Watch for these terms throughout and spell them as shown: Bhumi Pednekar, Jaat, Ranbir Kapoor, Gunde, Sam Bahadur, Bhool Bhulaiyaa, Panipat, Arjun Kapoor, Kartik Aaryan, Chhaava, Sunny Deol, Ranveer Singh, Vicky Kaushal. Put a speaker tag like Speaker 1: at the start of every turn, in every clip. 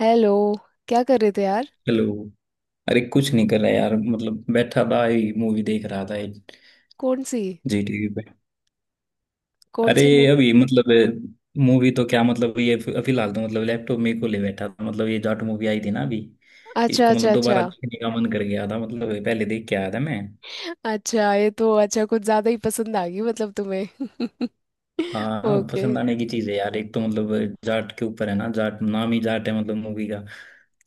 Speaker 1: Hello. क्या कर रहे थे यार।
Speaker 2: हेलो। अरे कुछ नहीं कर रहा यार, मतलब बैठा था, मूवी देख रहा था,
Speaker 1: कौन सी?
Speaker 2: जी टीवी पे।
Speaker 1: कौन
Speaker 2: अरे
Speaker 1: सी मूवी?
Speaker 2: अभी मतलब मूवी तो क्या, मतलब ये फिलहाल तो मतलब लैपटॉप में को ले बैठा था, मतलब ये जाट मूवी आई थी ना अभी।
Speaker 1: अच्छा,
Speaker 2: इसको
Speaker 1: अच्छा,
Speaker 2: मतलब
Speaker 1: अच्छा।
Speaker 2: दोबारा देखने का मन कर गया था, मतलब पहले देख के आया था मैं।
Speaker 1: अच्छा, ये तो अच्छा, कुछ ज्यादा ही पसंद आ गई मतलब तुम्हें?
Speaker 2: हाँ,
Speaker 1: ओके।
Speaker 2: पसंद आने की चीज है यार, एक तो मतलब जाट के ऊपर है ना, जाट नाम ही जाट है मतलब मूवी का।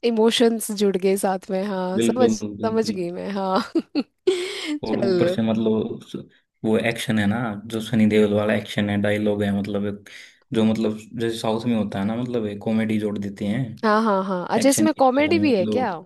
Speaker 1: इमोशंस जुड़ गए साथ में, हाँ, समझ
Speaker 2: बिल्कुल
Speaker 1: समझ
Speaker 2: बिल्कुल।
Speaker 1: गई मैं, हाँ।
Speaker 2: और ऊपर
Speaker 1: चलो।
Speaker 2: से मतलब वो एक्शन है ना, जो सनी देओल वाला एक्शन है, डायलॉग है मतलब जो मतलब जैसे साउथ में होता है ना, मतलब एक कॉमेडी जोड़ देते हैं
Speaker 1: हाँ, हाँ, हाँ, अच्छा
Speaker 2: एक्शन
Speaker 1: इसमें
Speaker 2: के साथ
Speaker 1: कॉमेडी
Speaker 2: में
Speaker 1: भी है क्या?
Speaker 2: मतलब।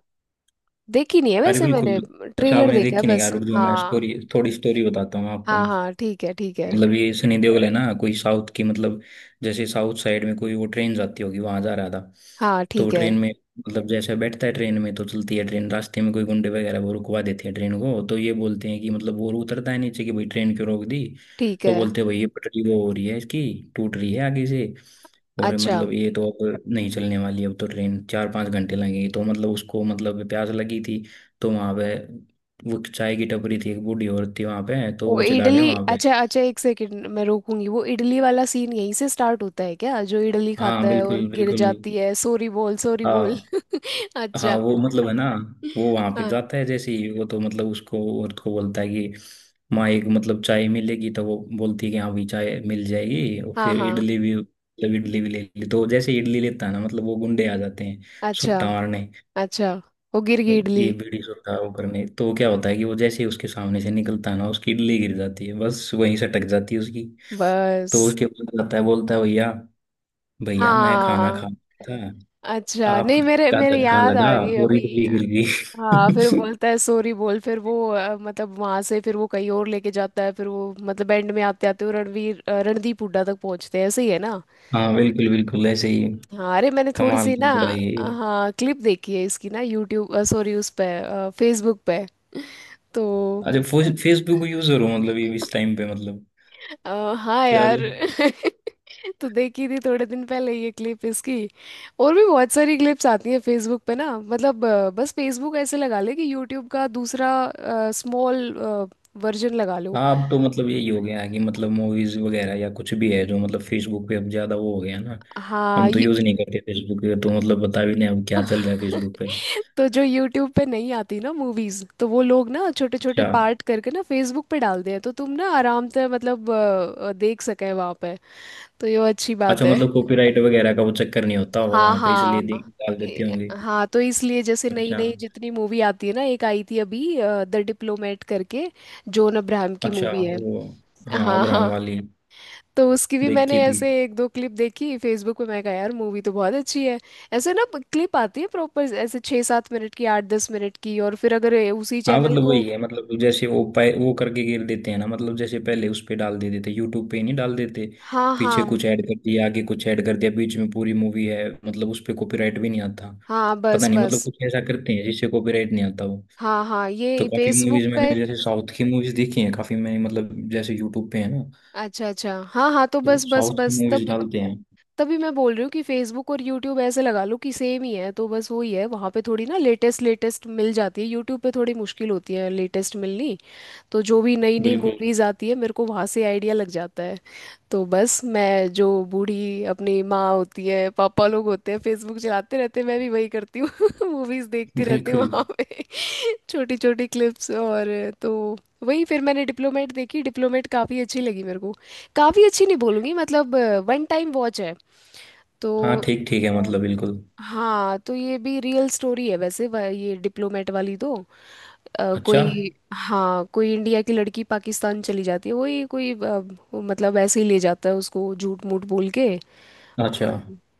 Speaker 1: देखी नहीं है
Speaker 2: अरे
Speaker 1: वैसे मैंने।
Speaker 2: बिल्कुल। अच्छा,
Speaker 1: ट्रेलर
Speaker 2: आपने
Speaker 1: देखा है
Speaker 2: देखी नहीं
Speaker 1: बस।
Speaker 2: यार? जो मैं
Speaker 1: हाँ,
Speaker 2: स्टोरी, थोड़ी स्टोरी बताता हूँ आपको।
Speaker 1: हाँ, हाँ, ठीक है, ठीक है।
Speaker 2: मतलब ये सनी देओल है ना, कोई साउथ की मतलब, जैसे साउथ साइड में कोई वो ट्रेन जाती होगी वहां जा रहा था।
Speaker 1: हाँ,
Speaker 2: तो वो
Speaker 1: ठीक है,
Speaker 2: ट्रेन में मतलब जैसे बैठता है ट्रेन में, तो चलती है ट्रेन, रास्ते में कोई गुंडे वगैरह वो रुकवा देते हैं ट्रेन को, तो ये बोलते हैं कि मतलब वो उतरता है नीचे कि भाई ट्रेन क्यों रोक दी।
Speaker 1: ठीक
Speaker 2: तो
Speaker 1: है।
Speaker 2: बोलते हैं भाई ये पटरी वो हो रही है इसकी, टूट रही है आगे से, और
Speaker 1: अच्छा,
Speaker 2: मतलब ये तो अब नहीं चलने वाली, अब तो ट्रेन 4-5 घंटे लगेंगे, तो मतलब उसको मतलब प्यास लगी थी। तो वहां पे वो चाय की टपरी थी, एक बूढ़ी औरत थी वहां पे, तो
Speaker 1: वो
Speaker 2: वो चला गया
Speaker 1: इडली,
Speaker 2: वहां पे।
Speaker 1: अच्छा, अच्छा, एक सेकंड मैं रोकूंगी। वो इडली वाला सीन यहीं से स्टार्ट होता है क्या, जो इडली
Speaker 2: हाँ
Speaker 1: खाता है और
Speaker 2: बिल्कुल
Speaker 1: गिर
Speaker 2: बिल्कुल।
Speaker 1: जाती है? सॉरी बोल, सॉरी बोल।
Speaker 2: हाँ। हाँ
Speaker 1: अच्छा।
Speaker 2: वो मतलब है ना, वो वहां पे
Speaker 1: हाँ,
Speaker 2: जाता है जैसे ही, वो तो मतलब उसको, औरत को बोलता है कि माँ एक मतलब चाय मिलेगी, तो वो बोलती है कि हाँ भी चाय मिल जाएगी और
Speaker 1: हाँ,
Speaker 2: फिर
Speaker 1: हाँ।
Speaker 2: इडली भी, मतलब इडली भी ले ली, तो जैसे ही इडली लेता है ना, मतलब वो गुंडे आ जाते हैं
Speaker 1: अच्छा,
Speaker 2: सुट्टा मारने।
Speaker 1: अच्छा, वो गिर गई इडली,
Speaker 2: ये बीड़ी सुट्टा वो करने, तो क्या होता है कि वो जैसे ही उसके सामने से निकलता है ना, उसकी इडली गिर जाती है, बस वहीं से टक जाती है उसकी। तो
Speaker 1: बस।
Speaker 2: उसके ऊपर जाता है, बोलता है भैया भैया मैं खाना
Speaker 1: हाँ,
Speaker 2: खा रहा था
Speaker 1: अच्छा,
Speaker 2: आप,
Speaker 1: नहीं मेरे
Speaker 2: क्या
Speaker 1: मेरे
Speaker 2: धक्का
Speaker 1: याद आ
Speaker 2: लगा,
Speaker 1: गई
Speaker 2: पूरी
Speaker 1: अभी।
Speaker 2: दिल्ली हिल
Speaker 1: हाँ फिर
Speaker 2: गई।
Speaker 1: बोलता है सॉरी बोल, फिर वो, मतलब वहां से फिर वो कहीं और लेके जाता है, फिर वो मतलब एंड में आते आते वो रणदीप हुड्डा तक पहुंचते हैं, ऐसे ही है ना?
Speaker 2: हाँ बिल्कुल बिल्कुल ऐसे ही है।
Speaker 1: हाँ, अरे मैंने थोड़ी
Speaker 2: कमाल
Speaker 1: सी
Speaker 2: की
Speaker 1: ना।
Speaker 2: लड़ाई है ये।
Speaker 1: हाँ, क्लिप देखी है इसकी ना, यूट्यूब, सॉरी, उस पे, फेसबुक पे तो।
Speaker 2: अच्छा, फेसबुक यूजर हो मतलब ये, इस टाइम पे मतलब।
Speaker 1: हाँ यार।
Speaker 2: चलो।
Speaker 1: तो देखी थी थोड़े दिन पहले ये क्लिप इसकी। और भी बहुत सारी क्लिप्स आती हैं फेसबुक पे ना मतलब, बस फेसबुक ऐसे लगा ले कि यूट्यूब का दूसरा, स्मॉल वर्जन लगा लो।
Speaker 2: हाँ अब तो मतलब यही हो गया है कि मतलब मूवीज वगैरह या कुछ भी है, जो मतलब फेसबुक पे अब ज्यादा वो हो गया ना।
Speaker 1: हाँ
Speaker 2: हम तो
Speaker 1: ये।
Speaker 2: यूज नहीं करते फेसबुक, पे तो मतलब बता भी नहीं अब क्या चल रहा है फेसबुक पे।
Speaker 1: तो जो यूट्यूब पे नहीं आती ना मूवीज, तो वो लोग ना छोटे छोटे
Speaker 2: अच्छा,
Speaker 1: पार्ट करके ना फेसबुक पे डालते हैं, तो तुम ना आराम से मतलब देख सके वहां पे। तो ये अच्छी बात
Speaker 2: अच्छा
Speaker 1: है।
Speaker 2: मतलब कॉपीराइट वगैरह का वो चक्कर नहीं होता होगा
Speaker 1: हाँ,
Speaker 2: वहां पे, इसलिए
Speaker 1: हाँ।
Speaker 2: डाल देते
Speaker 1: ए-
Speaker 2: होंगे।
Speaker 1: हाँ तो इसलिए जैसे नई
Speaker 2: अच्छा
Speaker 1: नई जितनी मूवी आती है ना, एक आई थी अभी द डिप्लोमेट करके। जॉन अब्राहम की
Speaker 2: अच्छा।
Speaker 1: मूवी है।
Speaker 2: वो हाँ
Speaker 1: हाँ,
Speaker 2: अब्राहम
Speaker 1: हाँ।
Speaker 2: वाली
Speaker 1: तो उसकी भी मैंने
Speaker 2: देखी थी।
Speaker 1: ऐसे एक दो क्लिप देखी फेसबुक पे, मैं कहा यार मूवी तो बहुत अच्छी है। ऐसे ना क्लिप आती है प्रॉपर, ऐसे छः सात मिनट की, आठ दस मिनट की, और फिर अगर ये उसी
Speaker 2: हाँ
Speaker 1: चैनल
Speaker 2: मतलब
Speaker 1: को।
Speaker 2: वही है, मतलब जैसे वो वो करके घेर देते हैं ना, मतलब जैसे पहले उस पे डाल देते थे, यूट्यूब पे ही नहीं डाल देते
Speaker 1: हाँ, हाँ,
Speaker 2: पीछे कुछ ऐड कर दिया, आगे कुछ ऐड कर दिया, बीच में पूरी मूवी है, मतलब उस पे कॉपीराइट भी नहीं आता।
Speaker 1: हाँ, बस,
Speaker 2: पता नहीं मतलब
Speaker 1: बस।
Speaker 2: कुछ ऐसा करते हैं जिससे कॉपीराइट नहीं आता वो।
Speaker 1: हाँ, हाँ,
Speaker 2: तो
Speaker 1: ये
Speaker 2: काफी
Speaker 1: फेसबुक
Speaker 2: मूवीज
Speaker 1: पे।
Speaker 2: मैंने, जैसे साउथ की मूवीज देखी हैं काफी मैंने, मतलब जैसे यूट्यूब पे है ना
Speaker 1: अच्छा, अच्छा, हाँ, हाँ, तो
Speaker 2: तो
Speaker 1: बस, बस,
Speaker 2: साउथ की
Speaker 1: बस,
Speaker 2: मूवीज
Speaker 1: तब।
Speaker 2: डालते हैं।
Speaker 1: तभी मैं बोल रही हूँ कि फेसबुक और यूट्यूब ऐसे लगा लो कि सेम ही है, तो बस वही है, वहाँ पे थोड़ी ना लेटेस्ट लेटेस्ट मिल जाती है, यूट्यूब पे थोड़ी मुश्किल होती है लेटेस्ट मिलनी। तो जो भी नई नई
Speaker 2: बिल्कुल
Speaker 1: मूवीज आती है, मेरे को वहाँ से आइडिया लग जाता है। तो बस मैं, जो बूढ़ी अपनी माँ होती है, पापा लोग होते हैं, फेसबुक चलाते रहते हैं, मैं भी वही करती हूँ। मूवीज देखती रहती हूँ
Speaker 2: बिल्कुल।
Speaker 1: वहाँ पे। छोटी छोटी क्लिप्स, और तो वही फिर मैंने डिप्लोमेट देखी, डिप्लोमेट काफ़ी अच्छी लगी मेरे को। काफ़ी अच्छी नहीं बोलूँगी मतलब। वन टाइम वॉच है तो।
Speaker 2: हाँ ठीक ठीक है मतलब बिल्कुल।
Speaker 1: हाँ तो ये भी रियल स्टोरी है वैसे, ये डिप्लोमेट वाली तो।
Speaker 2: अच्छा
Speaker 1: कोई, हाँ, कोई इंडिया की लड़की पाकिस्तान चली जाती है वही, कोई वो मतलब ऐसे ही ले जाता है उसको, झूठ मूठ बोल के,
Speaker 2: अच्छा।
Speaker 1: और,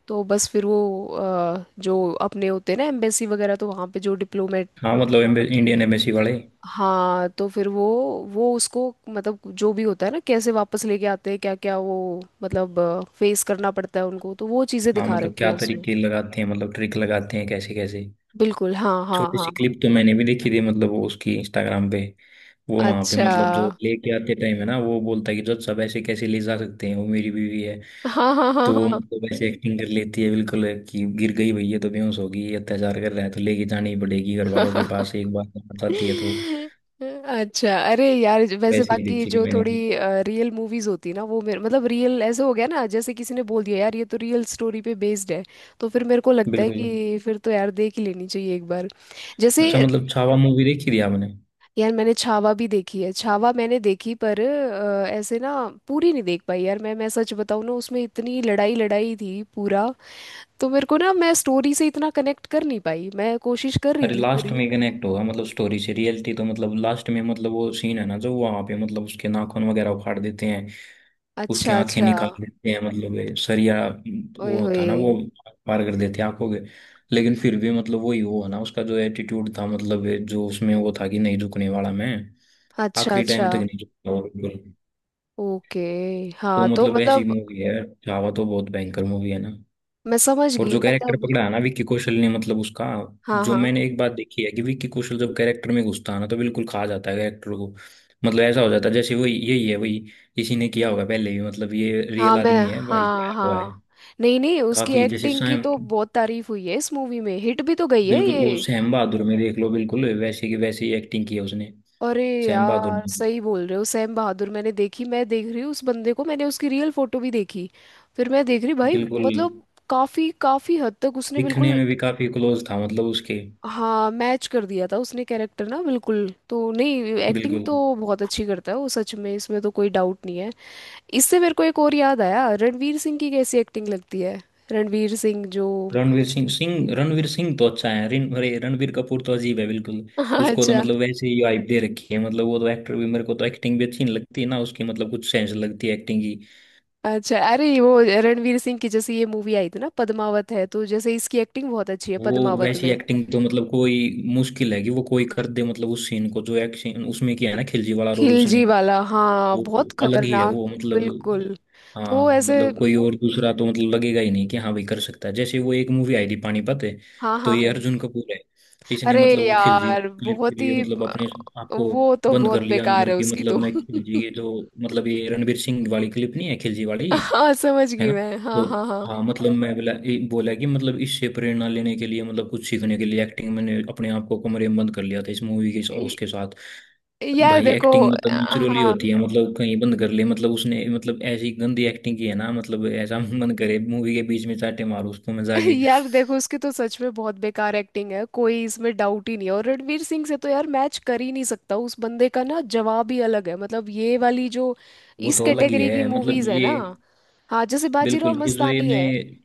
Speaker 1: तो बस फिर वो जो अपने होते हैं ना एम्बेसी वगैरह, तो वहाँ पे जो डिप्लोमेट।
Speaker 2: हाँ मतलब इंडियन एम्बेसी वाले।
Speaker 1: हाँ तो फिर वो उसको मतलब जो भी होता है ना, कैसे वापस लेके आते हैं, क्या क्या वो मतलब फेस करना पड़ता है उनको, तो वो चीज़ें
Speaker 2: हाँ
Speaker 1: दिखा
Speaker 2: मतलब
Speaker 1: रखी
Speaker 2: क्या
Speaker 1: है उसमें।
Speaker 2: तरीके लगाते हैं, मतलब ट्रिक लगाते हैं कैसे कैसे।
Speaker 1: बिल्कुल, हाँ, हाँ,
Speaker 2: छोटी
Speaker 1: हाँ।
Speaker 2: सी क्लिप तो मैंने भी देखी थी, मतलब वो उसकी इंस्टाग्राम पे। वो वहां पे
Speaker 1: अच्छा,
Speaker 2: मतलब जो लेके आते टाइम है ना, वो बोलता है कि जज साहब ऐसे कैसे ले जा सकते हैं, वो मेरी बीवी है।
Speaker 1: हाँ, हाँ,
Speaker 2: तो वो
Speaker 1: हाँ,
Speaker 2: मतलब ऐसे एक्टिंग कर लेती है बिल्कुल, कि गिर गई भैया तो बेहोश होगी, ये अत्याचार कर रहा है, तो लेके जानी ही पड़ेगी घर वालों के
Speaker 1: हाँ।
Speaker 2: पास एक बार, बताती है तो।
Speaker 1: अच्छा, अरे यार वैसे
Speaker 2: वैसे ही
Speaker 1: बाकी
Speaker 2: देखी थी
Speaker 1: जो
Speaker 2: मैंने
Speaker 1: थोड़ी
Speaker 2: भी।
Speaker 1: रियल मूवीज होती है ना, वो मेरे मतलब रियल ऐसे हो गया ना, जैसे किसी ने बोल दिया यार ये तो रियल स्टोरी पे बेस्ड है। तो फिर मेरे को लगता है
Speaker 2: बिल्कुल।
Speaker 1: कि फिर तो यार देख ही लेनी चाहिए एक बार। जैसे
Speaker 2: अच्छा मतलब छावा मूवी देखी थी आपने?
Speaker 1: यार मैंने छावा भी देखी है, छावा मैंने देखी पर, ऐसे ना पूरी नहीं देख पाई यार, मैं सच बताऊँ ना, उसमें इतनी लड़ाई लड़ाई थी पूरा। तो मेरे को ना, मैं स्टोरी से इतना कनेक्ट कर नहीं पाई, मैं कोशिश कर रही
Speaker 2: अरे
Speaker 1: थी
Speaker 2: लास्ट
Speaker 1: पूरी।
Speaker 2: में कनेक्ट होगा मतलब, स्टोरी से रियलिटी तो मतलब, लास्ट में मतलब वो सीन है ना, जो वहां पे मतलब उसके नाखून वगैरह उखाड़ देते हैं, उसकी
Speaker 1: अच्छा,
Speaker 2: आंखें
Speaker 1: अच्छा।
Speaker 2: निकाल देते हैं, मतलब ये सरिया
Speaker 1: ओए
Speaker 2: वो
Speaker 1: होए।
Speaker 2: होता ना वो, पार कर देते हैं आंखों के। लेकिन फिर भी मतलब वही वो है ना उसका जो एटीट्यूड था, मतलब ये जो उसमें वो था कि नहीं झुकने वाला मैं।
Speaker 1: अच्छा,
Speaker 2: आखिरी
Speaker 1: अच्छा।
Speaker 2: टाइम तक नहीं झुकता वो बिल्कुल।
Speaker 1: ओके।
Speaker 2: तो
Speaker 1: हाँ तो
Speaker 2: मतलब ऐसी
Speaker 1: मतलब,
Speaker 2: मूवी है। छावा तो बहुत भयंकर मूवी है ना।
Speaker 1: मैं समझ
Speaker 2: और
Speaker 1: गई
Speaker 2: जो कैरेक्टर
Speaker 1: मतलब।
Speaker 2: पकड़ा है ना विक्की कौशल ने मतलब उसका,
Speaker 1: हाँ,
Speaker 2: जो
Speaker 1: हाँ,
Speaker 2: मैंने एक बात देखी है कि विक्की कौशल जब कैरेक्टर में घुसता है ना, तो बिल्कुल खा जाता है कैरेक्टर को। मतलब ऐसा हो जाता है जैसे वही यही है वही, इसी ने किया होगा पहले भी, मतलब ये
Speaker 1: हाँ,
Speaker 2: रियल
Speaker 1: मैं,
Speaker 2: आदमी है भाई, ये
Speaker 1: हाँ,
Speaker 2: आया हुआ
Speaker 1: हाँ।
Speaker 2: है।
Speaker 1: नहीं, नहीं, उसकी
Speaker 2: काफी जैसे
Speaker 1: एक्टिंग की
Speaker 2: सैम,
Speaker 1: तो बहुत तारीफ हुई है इस मूवी में, हिट भी तो गई है
Speaker 2: बिल्कुल
Speaker 1: ये।
Speaker 2: वो सैम बहादुर में देख लो, बिल्कुल वैसे की वैसे ही एक्टिंग की है उसने
Speaker 1: अरे
Speaker 2: सैम बहादुर
Speaker 1: यार
Speaker 2: में।
Speaker 1: सही बोल रहे हो, सैम बहादुर मैंने देखी, मैं देख रही हूँ उस बंदे को, मैंने उसकी रियल फोटो भी देखी। फिर मैं देख रही भाई,
Speaker 2: बिल्कुल।
Speaker 1: मतलब, काफी काफी हद तक उसने
Speaker 2: दिखने
Speaker 1: बिल्कुल।
Speaker 2: में भी काफी क्लोज था मतलब उसके।
Speaker 1: हाँ मैच कर दिया था उसने कैरेक्टर ना, बिल्कुल तो नहीं। एक्टिंग
Speaker 2: बिल्कुल।
Speaker 1: तो बहुत अच्छी करता है वो सच में, इसमें तो कोई डाउट नहीं है। इससे मेरे को एक और याद आया, रणवीर सिंह की कैसी एक्टिंग लगती है? रणवीर सिंह जो।
Speaker 2: रणवीर सिंह सिंह रणवीर सिंह तो अच्छा है, रिन अरे रणवीर कपूर तो अजीब है बिल्कुल। उसको तो
Speaker 1: अच्छा,
Speaker 2: मतलब वैसे ही हाइप दे रखी है, मतलब वो तो एक्टर भी, मेरे को तो एक्टिंग भी अच्छी नहीं लगती ना उसकी, मतलब कुछ सेंस लगती है एक्टिंग की।
Speaker 1: अच्छा। अरे वो रणवीर सिंह की जैसे ये मूवी आई थी ना पद्मावत है, तो जैसे इसकी एक्टिंग बहुत अच्छी है
Speaker 2: वो
Speaker 1: पद्मावत
Speaker 2: वैसी
Speaker 1: में।
Speaker 2: एक्टिंग तो मतलब कोई मुश्किल है कि वो कोई कर दे, मतलब उस सीन को जो एक्शन उसमें किया है ना, खिलजी वाला रोल
Speaker 1: खिलजी
Speaker 2: उसने।
Speaker 1: वाला, हाँ,
Speaker 2: वो
Speaker 1: बहुत
Speaker 2: अलग ही है वो
Speaker 1: खतरनाक
Speaker 2: मतलब।
Speaker 1: बिल्कुल।
Speaker 2: हाँ
Speaker 1: तो ऐसे,
Speaker 2: मतलब कोई और दूसरा तो मतलब लगेगा ही नहीं कि हाँ भाई कर सकता है, जैसे वो एक मूवी आई थी पानीपत है,
Speaker 1: हाँ,
Speaker 2: तो
Speaker 1: हाँ,
Speaker 2: ये
Speaker 1: हाँ,
Speaker 2: अर्जुन कपूर है। इसने
Speaker 1: अरे
Speaker 2: मतलब वो खिलजी
Speaker 1: यार
Speaker 2: वाली क्लिप के
Speaker 1: बहुत
Speaker 2: लिए
Speaker 1: ही,
Speaker 2: मतलब अपने आपको
Speaker 1: वो तो
Speaker 2: बंद
Speaker 1: बहुत
Speaker 2: कर लिया
Speaker 1: बेकार
Speaker 2: अंदर
Speaker 1: है
Speaker 2: की,
Speaker 1: उसकी
Speaker 2: मतलब
Speaker 1: तो।
Speaker 2: मैं खिलजी, ये जो मतलब ये रणवीर सिंह वाली क्लिप नहीं है खिलजी वाली,
Speaker 1: हाँ समझ
Speaker 2: है
Speaker 1: गई
Speaker 2: ना।
Speaker 1: मैं, हाँ,
Speaker 2: तो
Speaker 1: हाँ, हाँ,
Speaker 2: हाँ मतलब मैं बोला ये बोला, कि मतलब इससे प्रेरणा लेने के लिए मतलब कुछ सीखने के लिए एक्टिंग, मैंने अपने आप को कमरे में बंद कर लिया था इस मूवी के
Speaker 1: य-
Speaker 2: उसके साथ।
Speaker 1: यार
Speaker 2: भाई
Speaker 1: देखो।
Speaker 2: एक्टिंग मतलब नेचुरली
Speaker 1: हाँ
Speaker 2: होती है, मतलब कहीं बंद कर ले मतलब उसने, मतलब ऐसी गंदी एक्टिंग की है ना, मतलब ऐसा मन करे मूवी के बीच में चाटे मारो उसको मैं जाके।
Speaker 1: यार देखो, उसकी तो सच में बहुत बेकार एक्टिंग है, कोई इसमें डाउट ही नहीं है, और रणवीर सिंह से तो यार मैच कर ही नहीं सकता उस बंदे का, ना जवाब ही अलग है मतलब, ये वाली जो
Speaker 2: वो
Speaker 1: इस
Speaker 2: तो अलग ही
Speaker 1: कैटेगरी की
Speaker 2: है मतलब
Speaker 1: मूवीज है
Speaker 2: ये।
Speaker 1: ना। हाँ जैसे बाजीराव
Speaker 2: बिल्कुल ये जो
Speaker 1: मस्तानी है।
Speaker 2: इन्हें।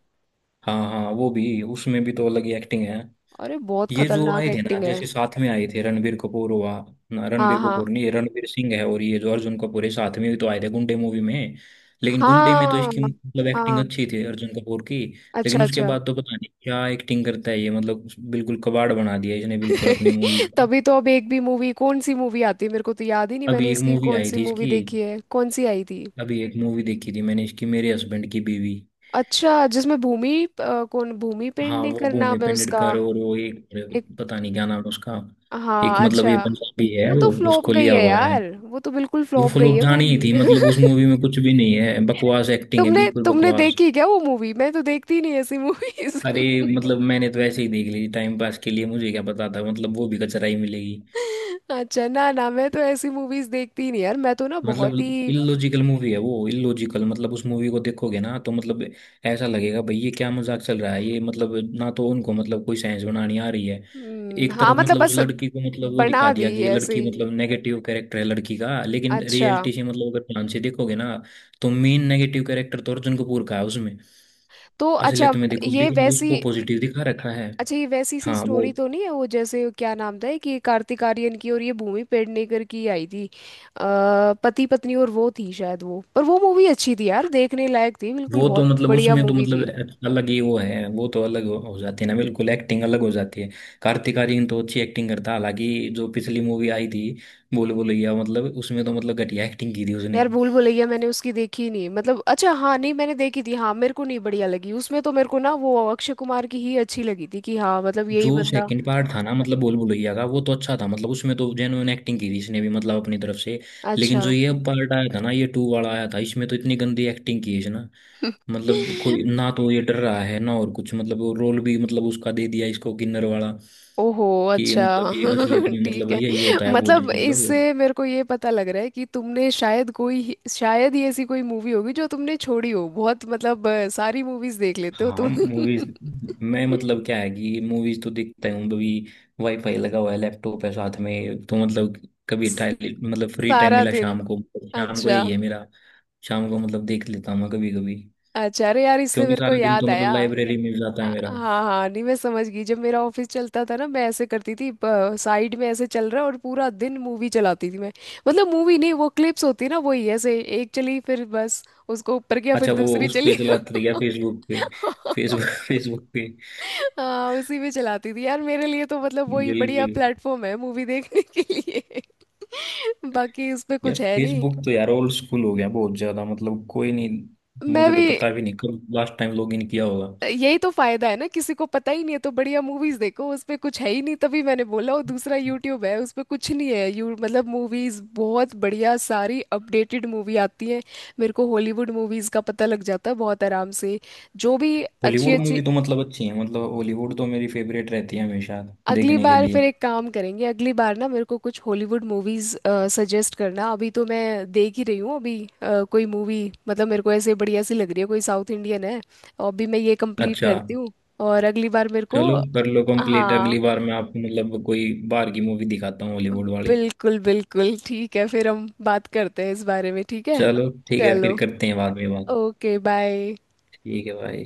Speaker 2: हाँ हाँ वो भी उसमें भी तो अलग ही एक्टिंग है।
Speaker 1: अरे बहुत
Speaker 2: ये जो
Speaker 1: खतरनाक
Speaker 2: आए थे ना,
Speaker 1: एक्टिंग है।
Speaker 2: जैसे साथ में आए थे रणबीर कपूर हुआ, ना रणबीर
Speaker 1: हाँ, हाँ,
Speaker 2: कपूर नहीं, ये रणबीर सिंह है, और ये जो अर्जुन कपूर है, साथ में भी तो आए थे गुंडे मूवी में। लेकिन गुंडे में तो
Speaker 1: हाँ,
Speaker 2: इसकी मतलब एक्टिंग
Speaker 1: हाँ,
Speaker 2: अच्छी थी अर्जुन कपूर की।
Speaker 1: अच्छा,
Speaker 2: लेकिन उसके
Speaker 1: अच्छा।
Speaker 2: बाद तो पता नहीं क्या एक्टिंग करता है ये, मतलब बिल्कुल कबाड़ बना दिया इसने बिल्कुल अपनी मूवीज को।
Speaker 1: तभी तो, अब एक भी मूवी कौन सी मूवी आती है मेरे को तो याद ही नहीं, मैंने
Speaker 2: अभी एक
Speaker 1: इसकी
Speaker 2: मूवी
Speaker 1: कौन
Speaker 2: आई
Speaker 1: सी
Speaker 2: थी
Speaker 1: मूवी
Speaker 2: इसकी,
Speaker 1: देखी है, कौन सी आई थी।
Speaker 2: अभी एक मूवी देखी थी मैंने इसकी, मेरे हस्बैंड की बीवी।
Speaker 1: अच्छा जिसमें भूमि कौन, भूमि
Speaker 2: हाँ वो
Speaker 1: पेडनेकर करना
Speaker 2: भूमि
Speaker 1: है उसका।
Speaker 2: पेंडेटकर और वो एक,
Speaker 1: एक,
Speaker 2: पता नहीं क्या नाम है उसका, एक
Speaker 1: हाँ,
Speaker 2: मतलब
Speaker 1: अच्छा,
Speaker 2: ये पंजाबी है
Speaker 1: वो तो
Speaker 2: वो
Speaker 1: फ्लॉप
Speaker 2: उसको
Speaker 1: गई
Speaker 2: लिया
Speaker 1: है
Speaker 2: हुआ है।
Speaker 1: यार, वो तो बिल्कुल
Speaker 2: वो
Speaker 1: फ्लॉप गई
Speaker 2: फ्लॉप
Speaker 1: है
Speaker 2: जानी ही
Speaker 1: मूवी।
Speaker 2: थी, मतलब उस मूवी में कुछ भी नहीं है, बकवास एक्टिंग है
Speaker 1: तुमने
Speaker 2: बिल्कुल
Speaker 1: तुमने
Speaker 2: बकवास।
Speaker 1: देखी क्या वो मूवी? मैं तो देखती ही नहीं ऐसी मूवीज।
Speaker 2: अरे मतलब मैंने तो ऐसे ही देख ली टाइम पास के लिए, मुझे क्या पता था मतलब वो भी कचरा ही मिलेगी।
Speaker 1: अच्छा, ना, ना, मैं तो ऐसी मूवीज देखती ही नहीं यार, मैं तो ना
Speaker 2: मतलब
Speaker 1: बहुत ही।
Speaker 2: इलॉजिकल मूवी है वो, इलॉजिकल मतलब उस मूवी को देखोगे ना तो मतलब, ऐसा लगेगा भाई ये क्या मजाक चल रहा है ये मतलब, ना तो उनको मतलब कोई साइंस बनानी आ रही है। एक
Speaker 1: हाँ
Speaker 2: तरफ
Speaker 1: मतलब
Speaker 2: मतलब उस
Speaker 1: बस,
Speaker 2: लड़की को मतलब वो दिखा
Speaker 1: बना दी
Speaker 2: दिया कि ये
Speaker 1: ऐसे
Speaker 2: लड़की
Speaker 1: ही।
Speaker 2: मतलब नेगेटिव कैरेक्टर है लड़की का, लेकिन
Speaker 1: अच्छा,
Speaker 2: रियलिटी से मतलब अगर ध्यान से देखोगे ना, तो मेन नेगेटिव कैरेक्टर तो अर्जुन कपूर का है उसमें
Speaker 1: तो अच्छा,
Speaker 2: असलियत में देखो,
Speaker 1: ये
Speaker 2: लेकिन
Speaker 1: वैसी
Speaker 2: उसको पॉजिटिव दिखा रखा है।
Speaker 1: अच्छा ये वैसी सी
Speaker 2: हाँ वो।
Speaker 1: स्टोरी तो नहीं है वो, जैसे क्या नाम था कि कार्तिक आर्यन की और ये भूमि पेडनेकर की आई थी? पति पत्नी और वो थी शायद वो, पर वो मूवी अच्छी थी यार, देखने लायक थी बिल्कुल,
Speaker 2: वो तो
Speaker 1: बहुत
Speaker 2: मतलब
Speaker 1: बढ़िया
Speaker 2: उसमें तो
Speaker 1: मूवी
Speaker 2: मतलब
Speaker 1: थी।
Speaker 2: अलग ही वो है, वो तो अलग हो जाती है ना बिल्कुल, एक्टिंग अलग हो जाती है। कार्तिक आर्यन तो अच्छी एक्टिंग करता है, हालांकि जो पिछली मूवी आई थी बोल बुलैया, मतलब उसमें तो मतलब घटिया एक्टिंग की थी उसने।
Speaker 1: यार भूल भुलैया मैंने उसकी देखी ही नहीं मतलब, अच्छा, हाँ, नहीं मैंने देखी थी, हाँ मेरे को नहीं बढ़िया लगी उसमें, तो मेरे को ना वो अक्षय कुमार की ही अच्छी लगी थी कि हाँ मतलब यही
Speaker 2: जो
Speaker 1: बंदा।
Speaker 2: सेकंड पार्ट था ना मतलब बोल बुलैया का, वो तो अच्छा था, मतलब उसमें तो जेन्युइन एक्टिंग की थी इसने भी मतलब अपनी तरफ से। लेकिन
Speaker 1: अच्छा।
Speaker 2: जो ये पार्ट आया था ना ये टू वाला आया था, इसमें तो इतनी गंदी एक्टिंग की है इसने, मतलब कोई, ना तो ये डर रहा है ना, और कुछ मतलब वो रोल भी मतलब उसका दे दिया इसको किन्नर वाला,
Speaker 1: ओहो,
Speaker 2: कि
Speaker 1: अच्छा।
Speaker 2: मतलब ये असलियत में
Speaker 1: ठीक
Speaker 2: मतलब
Speaker 1: है
Speaker 2: यही होता है भूत
Speaker 1: मतलब,
Speaker 2: मतलब।
Speaker 1: इससे मेरे को ये पता लग रहा है कि तुमने शायद शायद ही ऐसी कोई मूवी होगी जो तुमने छोड़ी हो, बहुत मतलब सारी मूवीज देख लेते हो
Speaker 2: हाँ
Speaker 1: तुम।
Speaker 2: मूवीज, मैं मतलब क्या है कि मूवीज तो देखता हूँ कभी, वाईफाई लगा हुआ है, लैपटॉप है साथ में, तो मतलब कभी
Speaker 1: स-
Speaker 2: टाइम, मतलब फ्री टाइम
Speaker 1: सारा
Speaker 2: मिला
Speaker 1: दिन।
Speaker 2: शाम को, शाम को
Speaker 1: अच्छा,
Speaker 2: यही है मेरा, शाम को मतलब देख लेता हूँ मैं कभी कभी।
Speaker 1: अच्छा, अरे यार, इससे
Speaker 2: क्योंकि
Speaker 1: मेरे को
Speaker 2: सारा दिन
Speaker 1: याद
Speaker 2: तो
Speaker 1: आया।
Speaker 2: मतलब लाइब्रेरी में जाता है मेरा।
Speaker 1: हाँ, हाँ, नहीं मैं समझ गई, जब मेरा ऑफिस चलता था ना मैं ऐसे करती थी। साइड में ऐसे चल रहा है और पूरा दिन मूवी चलाती थी मैं। मतलब मूवी नहीं, वो क्लिप्स होती है ना वही, ऐसे एक चली फिर बस उसको ऊपर किया, फिर
Speaker 2: अच्छा वो
Speaker 1: दूसरी
Speaker 2: उस
Speaker 1: चली।
Speaker 2: पे चलाते रह गया फेसबुक पे। फेसबुक फेसबुक पे।
Speaker 1: हाँ उसी में चलाती थी यार, मेरे लिए तो मतलब वही बढ़िया
Speaker 2: बिल्कुल।
Speaker 1: प्लेटफॉर्म है मूवी देखने के लिए। बाकी उस पे
Speaker 2: यार
Speaker 1: कुछ है नहीं।
Speaker 2: फेसबुक तो यार ओल्ड स्कूल हो गया बहुत ज्यादा, मतलब कोई नहीं,
Speaker 1: मैं
Speaker 2: मुझे तो
Speaker 1: भी,
Speaker 2: पता भी नहीं कब लास्ट टाइम लॉग इन किया होगा।
Speaker 1: यही तो फायदा है ना, किसी को पता ही नहीं है तो बढ़िया मूवीज देखो, उस पे कुछ है ही नहीं, तभी मैंने बोला, और दूसरा यूट्यूब है, उस पे कुछ नहीं है यू मतलब, मूवीज बहुत बढ़िया सारी अपडेटेड मूवी आती है। मेरे को हॉलीवुड मूवीज का पता लग जाता है बहुत आराम से, जो भी अच्छी
Speaker 2: हॉलीवुड मूवी
Speaker 1: अच्छी।
Speaker 2: तो मतलब अच्छी है, मतलब हॉलीवुड तो मेरी फेवरेट रहती है हमेशा।
Speaker 1: अगली
Speaker 2: देखने के
Speaker 1: बार फिर
Speaker 2: लिए।
Speaker 1: एक काम करेंगे, अगली बार ना मेरे को कुछ हॉलीवुड मूवीज सजेस्ट करना, अभी तो मैं देख ही रही हूँ अभी। कोई मूवी मतलब मेरे को ऐसे बढ़िया सी लग रही है, कोई साउथ इंडियन है। अभी मैं ये कंप्लीट
Speaker 2: अच्छा
Speaker 1: करती हूँ, और अगली बार मेरे को।
Speaker 2: चलो कर लो कंप्लीट, अगली
Speaker 1: हाँ
Speaker 2: बार मैं आपको मतलब कोई बाहर की मूवी दिखाता हूँ हॉलीवुड वाली।
Speaker 1: बिल्कुल, बिल्कुल, ठीक है फिर हम बात करते हैं इस बारे में, ठीक है।
Speaker 2: चलो ठीक है
Speaker 1: चलो,
Speaker 2: फिर करते हैं बाद में बात।
Speaker 1: Okay, bye.
Speaker 2: ठीक है भाई।